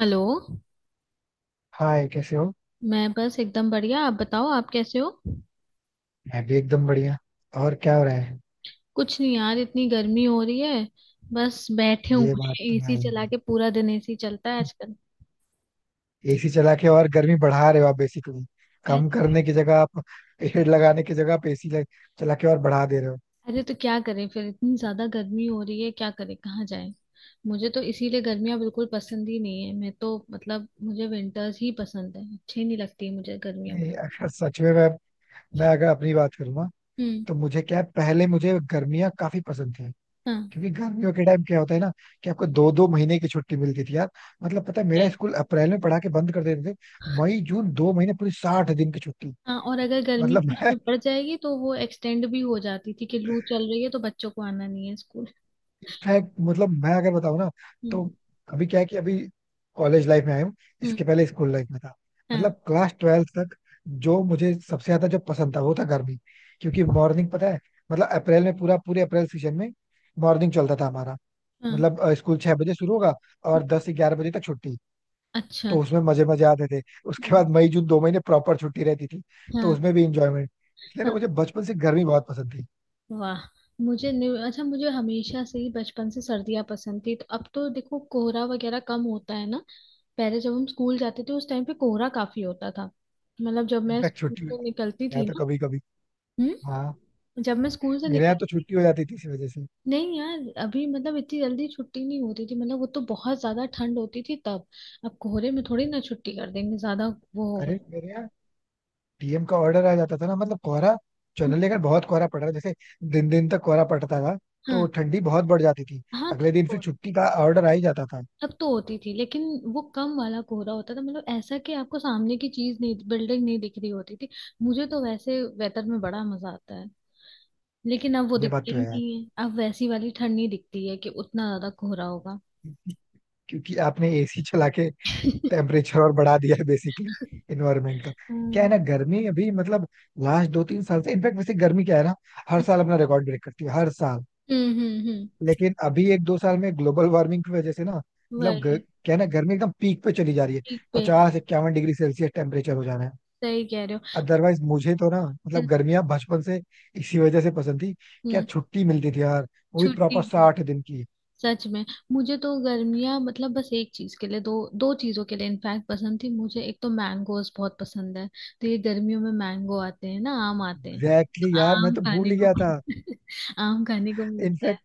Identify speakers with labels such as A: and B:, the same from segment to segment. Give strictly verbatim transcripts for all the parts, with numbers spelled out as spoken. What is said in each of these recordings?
A: Hello.
B: Hi, कैसे हो।
A: मैं बस एकदम बढ़िया। आप बताओ, आप कैसे हो?
B: मैं भी एकदम बढ़िया। और क्या हो रहा है।
A: कुछ नहीं यार, इतनी गर्मी हो रही है। बस बैठे
B: ये
A: हुए
B: बात
A: हैं
B: तो है।
A: एसी चला के। पूरा दिन एसी चलता है
B: एसी
A: आजकल।
B: चला के और गर्मी बढ़ा रहे हो आप बेसिकली। कम करने की जगह आप हेड लगाने की जगह आप एसी चला के और बढ़ा दे रहे हो।
A: अरे तो क्या करें फिर, इतनी ज्यादा गर्मी हो रही है, क्या करें, कहाँ जाएं। मुझे तो इसीलिए गर्मियाँ बिल्कुल पसंद ही नहीं है। मैं तो मतलब मुझे विंटर्स ही पसंद है, अच्छी नहीं लगती है मुझे गर्मियाँ।
B: नहीं, अगर सच में मैं मैं अगर अपनी बात करूंगा,
A: हम्म।
B: तो मुझे क्या है, पहले मुझे गर्मियां काफी पसंद थी।
A: हाँ।
B: क्योंकि गर्मियों के टाइम क्या होता है ना कि आपको दो दो महीने की छुट्टी मिलती थी यार। मतलब पता है, मेरा स्कूल अप्रैल में पढ़ा के बंद कर देते थे। मई जून दो महीने, पूरी साठ दिन की छुट्टी।
A: हाँ और अगर गर्मी
B: मतलब
A: बीच
B: मैं
A: में पड़ जाएगी तो वो एक्सटेंड भी हो जाती थी, कि लू चल रही है तो बच्चों को आना नहीं है स्कूल।
B: इनफैक्ट मतलब मैं अगर बताऊँ ना,
A: हम्म।
B: तो अभी क्या है कि अभी कॉलेज लाइफ में आया हूँ।
A: हम्म।
B: इसके पहले स्कूल लाइफ में था।
A: हाँ।
B: मतलब क्लास ट्वेल्थ तक जो मुझे सबसे ज्यादा जो पसंद था वो था गर्मी। क्योंकि मॉर्निंग पता है, मतलब अप्रैल में पूरा पूरे अप्रैल सीजन में मॉर्निंग चलता था हमारा।
A: हाँ।
B: मतलब अ, स्कूल छह बजे शुरू होगा और दस ग्यारह बजे तक छुट्टी।
A: अच्छा।
B: तो उसमें मजे मजे आते थे। उसके
A: अच्छा।
B: बाद मई जून दो महीने प्रॉपर छुट्टी रहती थी। तो
A: हाँ,
B: उसमें भी इंजॉयमेंट, इसलिए ना
A: हाँ,
B: मुझे बचपन से गर्मी बहुत पसंद थी।
A: वाह। मुझे न्यू अच्छा, मुझे हमेशा से ही बचपन से सर्दियाँ पसंद थी, तो अब तो देखो कोहरा वगैरह कम होता है ना। पहले जब हम स्कूल जाते थे उस टाइम पे कोहरा काफी होता था। मतलब जब मैं
B: इनफैक्ट
A: स्कूल
B: छुट्टी में
A: से निकलती
B: गया
A: थी
B: तो
A: ना।
B: कभी कभी
A: हम्म। जब मैं स्कूल से
B: मेरे यहाँ तो
A: निकलती।
B: छुट्टी हो जाती थी इसी वजह से।
A: नहीं यार, अभी मतलब इतनी जल्दी छुट्टी नहीं होती थी, मतलब वो तो बहुत ज्यादा ठंड होती थी तब। अब कोहरे में थोड़ी ना छुट्टी कर देंगे ज्यादा, वो होगा।
B: अरे, मेरे यहाँ टीएम का ऑर्डर आ जाता था ना, मतलब कोहरा।
A: हम्म,
B: जनरली अगर बहुत कोहरा पड़ रहा है, जैसे दिन दिन तक कोहरा पड़ता था, तो
A: हाँ।
B: ठंडी बहुत बढ़ जाती थी।
A: हाँ
B: अगले
A: तब
B: दिन फिर
A: कोहरा
B: छुट्टी का ऑर्डर आ ही जाता था।
A: अब तो होती थी लेकिन वो कम वाला कोहरा होता था, मतलब ऐसा कि आपको सामने की चीज नहीं, बिल्डिंग नहीं दिख रही होती थी। मुझे तो वैसे वेदर में बड़ा मजा आता है। लेकिन अब वो
B: ये बात
A: दिखता
B: तो
A: ही
B: है यार,
A: नहीं है, अब वैसी वाली ठंड नहीं दिखती है कि उतना ज्यादा कोहरा होगा।
B: क्योंकि आपने एसी चला के टेम्परेचर और बढ़ा दिया है बेसिकली इन्वायरमेंट का। क्या है
A: हम्म।
B: ना, गर्मी अभी, मतलब लास्ट दो तीन साल से इनफैक्ट, वैसे गर्मी क्या है ना, हर साल अपना रिकॉर्ड ब्रेक करती है हर साल।
A: हम्म। हम्म। हम्म,
B: लेकिन अभी एक दो साल में ग्लोबल वार्मिंग की वजह से ना, मतलब ग-
A: वही।
B: क्या है ना, गर्मी एकदम पीक पे चली जा रही है।
A: ठीक पे।
B: पचास इक्यावन डिग्री सेल्सियस टेम्परेचर हो जाना है।
A: सही कह रहे हो।
B: अदरवाइज मुझे तो ना,
A: हम्म।
B: मतलब गर्मियां बचपन से इसी वजह से पसंद थी। क्या
A: हम्म,
B: छुट्टी मिलती थी यार, वो भी
A: छुट्टी
B: प्रॉपर
A: के।
B: साठ दिन की।
A: सच में। मुझे तो गर्मियाँ मतलब बस एक चीज के लिए, दो दो चीजों के लिए इनफैक्ट पसंद थी मुझे। एक तो मैंगोज बहुत पसंद है। तो ये गर्मियों में मैंगो आते हैं ना, आम आते
B: एग्जैक्टली,
A: हैं। तो
B: exactly यार, मैं
A: आम
B: तो
A: खाने
B: भूल ही
A: को।
B: गया था।
A: आम खाने को मिलता है।
B: इनफैक्ट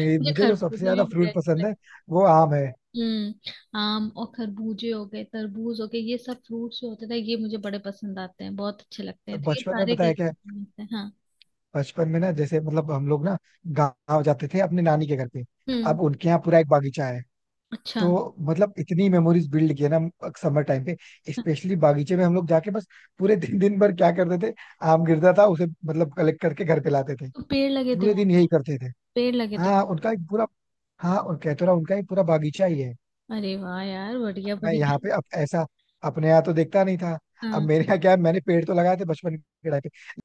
A: मुझे
B: मुझे जो सबसे
A: खरबूजे
B: ज्यादा
A: भी बड़े
B: फ्रूट
A: अच्छे
B: पसंद
A: लगते
B: है वो आम है।
A: हैं। हम्म। आम और खरबूजे हो गए, तरबूज हो गए, ये सब फ्रूट्स जो होते थे ये मुझे बड़े पसंद आते हैं, बहुत अच्छे लगते
B: तो
A: हैं, तो ये
B: बचपन में
A: सारे
B: पता है क्या है?
A: गर्मियों में मिलते हैं। हाँ।
B: बचपन में ना, जैसे मतलब हम लोग ना गाँव जाते थे अपने नानी के घर पे।
A: हम्म।
B: अब उनके यहाँ पूरा एक बागीचा है।
A: अच्छा।
B: तो मतलब इतनी मेमोरीज बिल्ड की है ना समर टाइम पे।
A: हाँ,
B: स्पेशली बागीचे में हम लोग जाके बस पूरे दिन, दिन भर क्या करते थे, आम गिरता था उसे मतलब कलेक्ट करके घर पे लाते थे।
A: तो पेड़ लगे थे
B: पूरे दिन
A: वहाँ।
B: यही करते थे।
A: पेड़ लगे थे।
B: हाँ, उनका एक पूरा हाँ, और कहते रहा, उनका एक पूरा बागीचा ही है।
A: अरे वाह यार, बढ़िया
B: मैं यहाँ
A: बढ़िया।
B: पे अब ऐसा, अपने यहाँ तो देखता नहीं था। अब
A: हाँ।
B: मेरे यहाँ क्या है, मैंने पेड़ तो लगाए थे बचपन के टाइम पे। लेकिन जित मतलब उस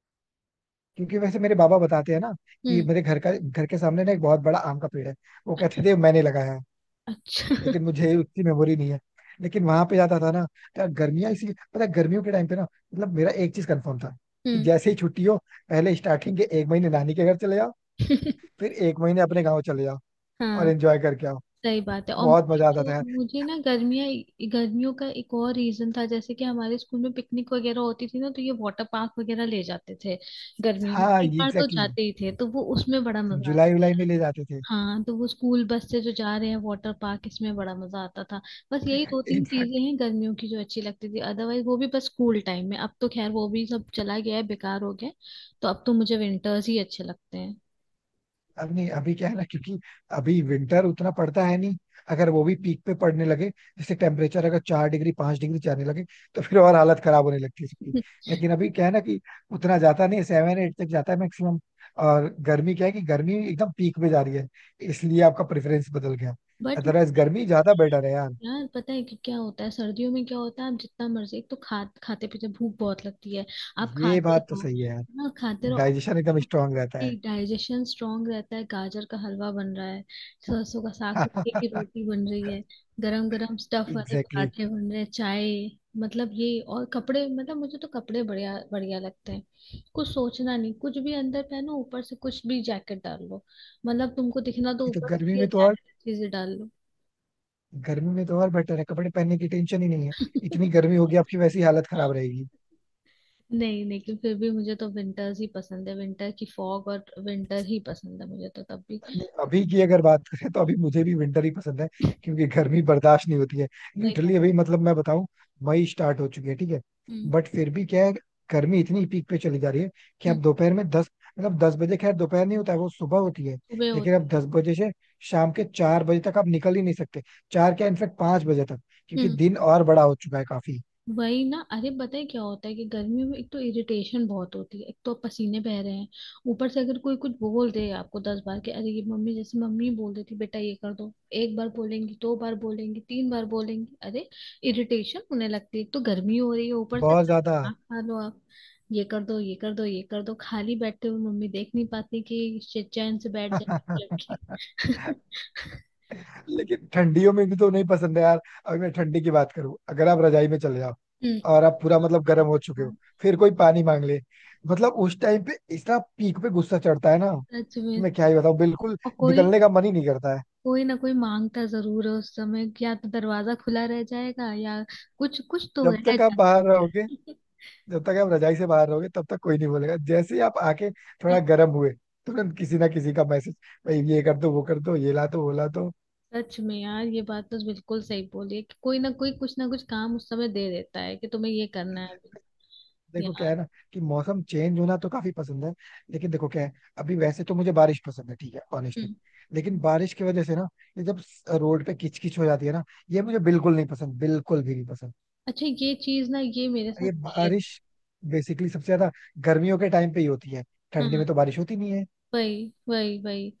B: क्योंकि वैसे मेरे बाबा बताते हैं ना कि
A: हम्म।
B: मेरे घर का घर के सामने ना एक बहुत बड़ा आम का पेड़ है। वो कहते थे मैंने लगाया है।
A: अच्छा।
B: लेकिन मुझे उतनी मेमोरी नहीं है। लेकिन वहां पे जाता था ना। तो गर्मियां इसी, पता है, गर्मियों के टाइम पे ना, मतलब मेरा एक चीज कंफर्म था कि
A: हम्म।
B: जैसे ही छुट्टी हो, पहले स्टार्टिंग के एक महीने नानी के घर चले जाओ, फिर एक महीने अपने गाँव चले जाओ, और
A: हाँ।
B: एंजॉय करके आओ।
A: सही बात है। और
B: बहुत
A: मुझे
B: मजा आता था
A: तो
B: यार।
A: मुझे ना गर्मियाँ। गर्मियों का एक और रीजन था, जैसे कि हमारे स्कूल में पिकनिक वगैरह होती थी ना, तो ये वाटर पार्क वगैरह ले जाते थे। गर्मियों में
B: हाँ,
A: एक
B: ये
A: बार तो
B: एग्जैक्टली exactly.
A: जाते ही थे, तो वो उसमें बड़ा
B: हम
A: मजा आता।
B: जुलाई उलाई में ले जाते
A: हाँ, तो वो स्कूल बस से जो जा रहे हैं वाटर पार्क, इसमें बड़ा मजा आता था। बस यही दो तीन
B: थे।
A: चीजें हैं गर्मियों की जो अच्छी लगती थी, अदरवाइज वो भी बस स्कूल टाइम में। अब तो खैर वो भी सब चला गया है, बेकार हो गया है। तो अब तो मुझे विंटर्स ही अच्छे लगते हैं।
B: अब नहीं, अभी क्या है ना, क्योंकि अभी विंटर उतना पड़ता है नहीं। अगर वो भी पीक पे पड़ने लगे, जैसे टेम्परेचर अगर चार डिग्री पांच डिग्री जाने लगे, तो फिर और हालत खराब होने लगती है सबकी। लेकिन अभी क्या है ना, कि उतना जाता नहीं, सेवन एट तक जाता है मैक्सिमम। और गर्मी क्या है, कि गर्मी एकदम पीक पे जा रही है, इसलिए आपका प्रेफरेंस बदल गया।
A: बट
B: अदरवाइज गर्मी ज्यादा बेटर है यार।
A: यार, पता है कि क्या होता है सर्दियों में क्या होता है, आप जितना मर्जी, एक तो खा खाते पीते भूख बहुत लगती है। आप
B: ये
A: खाते
B: बात तो
A: रहो,
B: सही है यार।
A: ना खाते रहो,
B: डाइजेशन एकदम स्ट्रांग रहता है।
A: डाइजेशन स्ट्रांग रहता है। गाजर का हलवा बन रहा है, सरसों का साग, मक्के की
B: एग्जैक्टली
A: रोटी बन रही है। गरम गरम स्टफ वाले
B: exactly.
A: पराठे बन रहे हैं, चाय। मतलब ये, और कपड़े मतलब मुझे तो कपड़े बढ़िया बढ़िया लगते हैं, कुछ सोचना नहीं, कुछ भी अंदर पहनो, ऊपर से कुछ भी जैकेट डाल लो। मतलब तुमको दिखना तो
B: ये तो
A: ऊपर से,
B: गर्मी
A: ये
B: में तो और
A: जैकेट अच्छी से डाल
B: गर्मी में तो और बेटर है, कपड़े पहनने की टेंशन ही नहीं है।
A: लो।
B: इतनी गर्मी होगी, आपकी वैसी हालत खराब रहेगी।
A: नहीं, लेकिन फिर भी मुझे तो विंटर्स ही पसंद है, विंटर की फॉग और विंटर ही पसंद है मुझे तो तब भी।
B: नहीं, अभी की अगर बात करें तो अभी मुझे भी विंटर ही पसंद है, क्योंकि गर्मी बर्दाश्त नहीं होती है।
A: सही
B: लिटरली
A: बात।
B: अभी, मतलब मैं बताऊं, मई स्टार्ट हो चुकी है, ठीक है।
A: हम्म।
B: बट फिर भी क्या है, गर्मी इतनी पीक पे चली जा रही है, कि आप
A: हम्म।
B: दोपहर में दस, मतलब दस बजे, खैर दोपहर नहीं होता है वो सुबह होती है,
A: सुबह
B: लेकिन अब दस बजे से शाम के चार बजे तक आप निकल ही नहीं सकते। चार क्या, इनफेक्ट पांच बजे तक, क्योंकि
A: होती।
B: दिन और बड़ा हो चुका है काफी।
A: वही ना, अरे पता है क्या होता है कि गर्मियों में एक तो इरिटेशन बहुत होती है, एक तो आप पसीने बह रहे हैं। ऊपर से अगर कोई कुछ बोल दे आपको दस बार, कि अरे ये मम्मी जैसे मम्मी बोल देती बेटा ये कर दो। एक बार बोलेंगी, दो बार बोलेंगी, तीन बार बोलेंगी, अरे इरिटेशन होने लगती है, एक तो गर्मी हो रही है, ऊपर से
B: बहुत ज्यादा।
A: खाना खा लो आप, ये कर दो, ये कर दो, ये कर दो। खाली बैठते हुए मम्मी देख नहीं पाती कि श- चैन से बैठ जाए लड़की।
B: लेकिन ठंडियों में भी तो नहीं पसंद है यार। अभी मैं ठंडी की बात करूं, अगर आप रजाई में चले जाओ
A: हम्म।
B: और आप पूरा मतलब गर्म हो चुके हो,
A: हाँ,
B: फिर कोई पानी मांग ले, मतलब उस टाइम पे इतना पीक पे गुस्सा चढ़ता है ना
A: सच
B: कि
A: में।
B: मैं क्या ही बताऊं बिल्कुल।
A: और कोई,
B: निकलने का मन ही नहीं करता है।
A: कोई ना कोई मांगता जरूर है उस समय, या तो दरवाजा खुला रह जाएगा, या कुछ कुछ तो
B: जब
A: रह
B: तक आप
A: जाता
B: बाहर रहोगे
A: है।
B: जब तक आप रजाई से बाहर रहोगे तब तक कोई नहीं बोलेगा, जैसे ही आप आके थोड़ा गर्म हुए, तुरंत किसी ना किसी का मैसेज, भाई ये कर दो वो कर दो ये ला दो वो ला दो।
A: सच में यार, ये बात तो बिल्कुल सही बोली है कि कोई ना कोई कुछ ना कुछ काम उस समय दे देता है कि तुम्हें ये करना है अभी
B: देखो क्या
A: यार।
B: है ना, कि मौसम चेंज होना तो काफी पसंद है। लेकिन देखो क्या है, अभी वैसे तो मुझे बारिश पसंद है, ठीक है, ऑनेस्टली।
A: हम्म।
B: लेकिन बारिश की वजह से ना, ये जब रोड पे किचकिच हो जाती है ना, ये मुझे बिल्कुल नहीं पसंद, बिल्कुल भी नहीं पसंद।
A: अच्छा ये चीज ना, ये मेरे
B: और
A: साथ
B: ये
A: पहले।
B: बारिश बेसिकली सबसे ज्यादा गर्मियों के टाइम पे ही होती है, ठंडी में
A: हाँ।
B: तो बारिश होती नहीं है।
A: वही वही वही।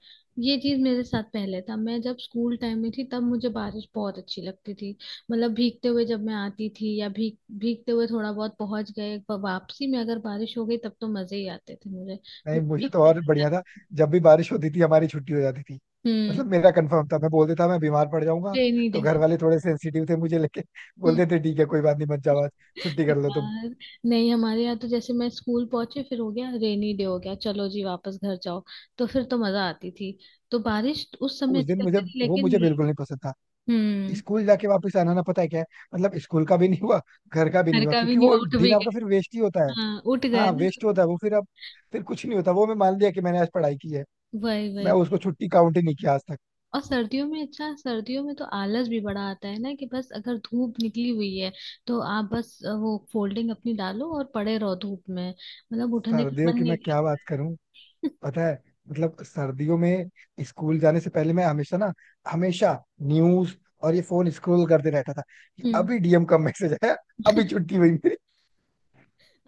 A: ये चीज मेरे साथ पहले था, मैं जब स्कूल टाइम में थी तब मुझे बारिश बहुत अच्छी लगती थी। मतलब भीगते हुए जब मैं आती थी, या भीग भीगते हुए थोड़ा बहुत पहुंच गए, प- वापसी में अगर बारिश हो गई तब तो मजे ही आते थे मुझे।
B: नहीं,
A: पूरे
B: मुझे तो
A: भीगते हुए
B: और बढ़िया था,
A: जाते-।
B: जब भी बारिश होती थी हमारी छुट्टी हो जाती थी।
A: हम्म।
B: मतलब मेरा कंफर्म था, मैं बोल देता मैं बीमार पड़ जाऊंगा,
A: रेनी
B: तो
A: डे।
B: घर वाले थोड़े सेंसिटिव थे मुझे लेके, बोल
A: हम्म।
B: देते ठीक है कोई बात नहीं मत जाओ आज, छुट्टी कर लो तुम।
A: यार। नहीं हमारे यहाँ तो जैसे मैं स्कूल पहुंची, फिर हो गया रेनी डे, हो गया, चलो जी वापस घर जाओ। तो फिर तो मजा आती थी, तो बारिश उस समय
B: उस
A: अच्छी
B: दिन मुझे
A: लगती थी,
B: वो
A: लेकिन
B: मुझे
A: ये।
B: बिल्कुल नहीं पसंद था,
A: हम्म।
B: स्कूल जाके वापस आना ना, पता है क्या है, मतलब स्कूल का भी नहीं हुआ, घर का भी
A: घर
B: नहीं हुआ,
A: का भी
B: क्योंकि
A: नहीं
B: वो
A: उठ
B: दिन
A: भी।
B: आपका फिर वेस्ट ही होता है।
A: हाँ उठ गए
B: हाँ,
A: ना।
B: वेस्ट होता है वो, फिर अब, फिर कुछ नहीं होता, वो मैं मान लिया कि मैंने आज पढ़ाई की है।
A: वही
B: मैं
A: वही।
B: उसको छुट्टी काउंट ही नहीं किया आज तक।
A: और सर्दियों में, अच्छा सर्दियों में तो आलस भी बड़ा आता है ना, कि बस अगर धूप निकली हुई है, तो आप बस अ, वो फोल्डिंग अपनी डालो और पड़े रहो धूप में, मतलब उठने का
B: सर्दियों
A: मन
B: की
A: नहीं
B: मैं क्या
A: करता।
B: बात करूं, पता है, मतलब सर्दियों में स्कूल जाने से पहले मैं हमेशा ना, हमेशा न्यूज और ये फोन स्क्रॉल करते रहता था, कि
A: हम्म।
B: अभी डीएम का मैसेज आया, अभी छुट्टी हुई मेरी।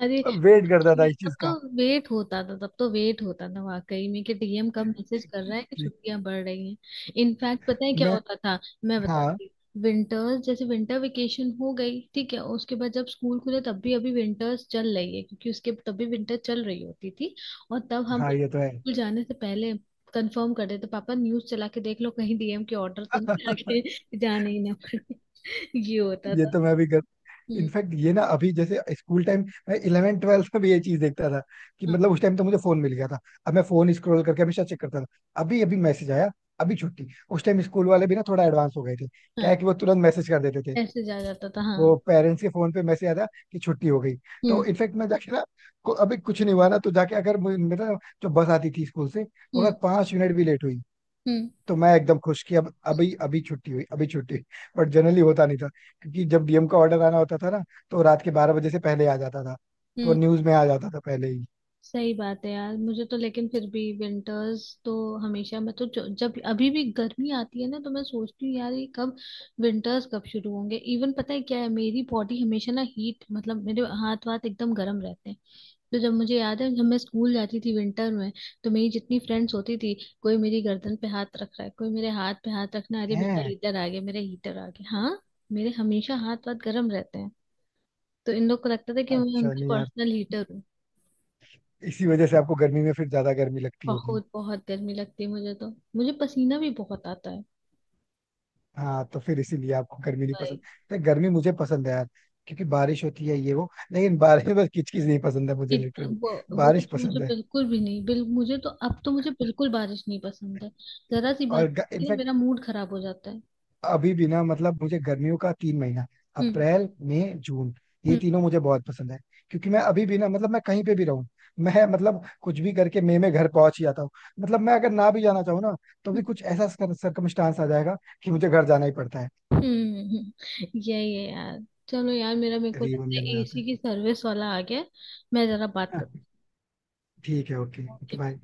A: अरे
B: मैं वेट करता था इस
A: तब
B: चीज
A: तो
B: का।
A: वेट होता था, तब तो वेट होता था वाकई में, कि डीएम कब मैसेज कर रहा है कि छुट्टियां बढ़ रही हैं। इनफैक्ट पता है क्या
B: मैं
A: होता था? मैं
B: हाँ
A: बताती। विंटर्स जैसे विंटर वेकेशन हो गई ठीक है, उसके बाद जब स्कूल खुले तब भी अभी विंटर्स चल रही है, क्योंकि उसके तब भी विंटर चल रही होती थी। और तब हम
B: हाँ, ये तो है।
A: स्कूल जाने से पहले कंफर्म कर देते पापा, न्यूज चला के देख लो कहीं डीएम के ऑर्डर तो नहीं आ गए, जाने ही ना पड़े। ये होता
B: ये
A: था।
B: तो मैं भी कर,
A: हम्म।
B: इनफैक्ट ये ना, अभी जैसे स्कूल टाइम, मैं इलेवंथ ट्वेल्थ में भी ये चीज देखता था, कि
A: हाँ।
B: मतलब उस टाइम तो मुझे फोन मिल गया था, अब मैं फोन स्क्रॉल करके हमेशा चेक करता था, अभी अभी मैसेज आया, अभी छुट्टी। उस टाइम स्कूल वाले भी ना थोड़ा एडवांस हो गए थे, क्या है
A: हाँ,
B: कि वो तुरंत मैसेज कर देते थे,
A: ऐसे जा जाता था। हाँ।
B: वो पेरेंट्स के फोन पे मैसेज आया था कि छुट्टी हो गई। तो
A: हम्म।
B: इनफैक्ट मैं जाके ना को- अभी कुछ नहीं हुआ ना, तो जाके अगर मुझे- मेरा, जो बस आती थी स्कूल से वो अगर
A: हम्म।
B: पांच मिनट भी लेट हुई,
A: हम्म।
B: तो मैं एकदम खुश कि अब अभी अभी छुट्टी हुई, अभी छुट्टी हुई। बट जनरली होता नहीं था, क्योंकि जब डीएम का ऑर्डर आना होता था ना, तो रात के बारह बजे से पहले आ जाता था, तो
A: हम्म।
B: न्यूज में आ जाता था पहले ही।
A: सही बात है यार, मुझे तो लेकिन फिर भी विंटर्स तो हमेशा। मैं तो जो- जब अभी भी गर्मी आती है ना, तो मैं सोचती हूँ यार ये कब विंटर्स कब शुरू होंगे। इवन पता है क्या है, मेरी बॉडी हमेशा ना हीट, मतलब मेरे हाथ वाथ एकदम गर्म रहते हैं। तो जब मुझे याद है जब मैं स्कूल जाती थी विंटर में, तो मेरी जितनी फ्रेंड्स होती थी, कोई मेरी गर्दन पे हाथ रख रहा है, कोई मेरे हाथ पे हाथ रखना, अरे मेरा
B: है,
A: हीटर आ गया, मेरा हीटर आ गया। हाँ। मेरे हमेशा हाथ वाथ गर्म रहते हैं। तो इन लोग को लगता था कि मैं
B: अच्छा,
A: उनका
B: नहीं यार,
A: पर्सनल हीटर।
B: इसी वजह से आपको गर्मी में फिर ज्यादा गर्मी लगती होगी।
A: बहुत बहुत गर्मी लगती है मुझे तो। मुझे पसीना भी बहुत आता है।
B: हाँ, तो फिर इसीलिए आपको गर्मी नहीं पसंद।
A: भाई
B: तो गर्मी मुझे पसंद है यार, क्योंकि बारिश होती है ये वो, लेकिन बारिश में बस किचकिच नहीं पसंद है मुझे
A: कि
B: लिटरली।
A: वो। वो तो
B: बारिश
A: मुझे
B: पसंद है।
A: बिल्कुल भी नहीं, बिल मुझे तो अब तो मुझे बिल्कुल बारिश नहीं पसंद है। जरा सी बारिश
B: और
A: की ना,
B: इनफैक्ट
A: मेरा मूड खराब हो जाता है।
B: अभी भी ना, मतलब मुझे गर्मियों का तीन महीना,
A: हम्म।
B: अप्रैल मई जून, ये
A: हम्म।
B: तीनों मुझे बहुत पसंद है। क्योंकि मैं अभी भी ना, मतलब मैं कहीं पे भी रहूं, मैं मतलब कुछ भी करके मई में घर पहुंच ही जाता हूँ। मतलब मैं अगर ना भी जाना चाहूँ ना, तो
A: हम्म।
B: भी कुछ ऐसा सरकमस्टांस आ जाएगा कि मुझे घर जाना ही पड़ता है,
A: हम्म, हम्म। हम्म। यही है यार। चलो यार, मेरा मेरे को लगता है
B: रियूनियन हो जाता
A: एसी की सर्विस वाला आ गया है। मैं जरा बात
B: है।
A: करता
B: ठीक है, ओके
A: हूँ,
B: ओके
A: okay?
B: बाय।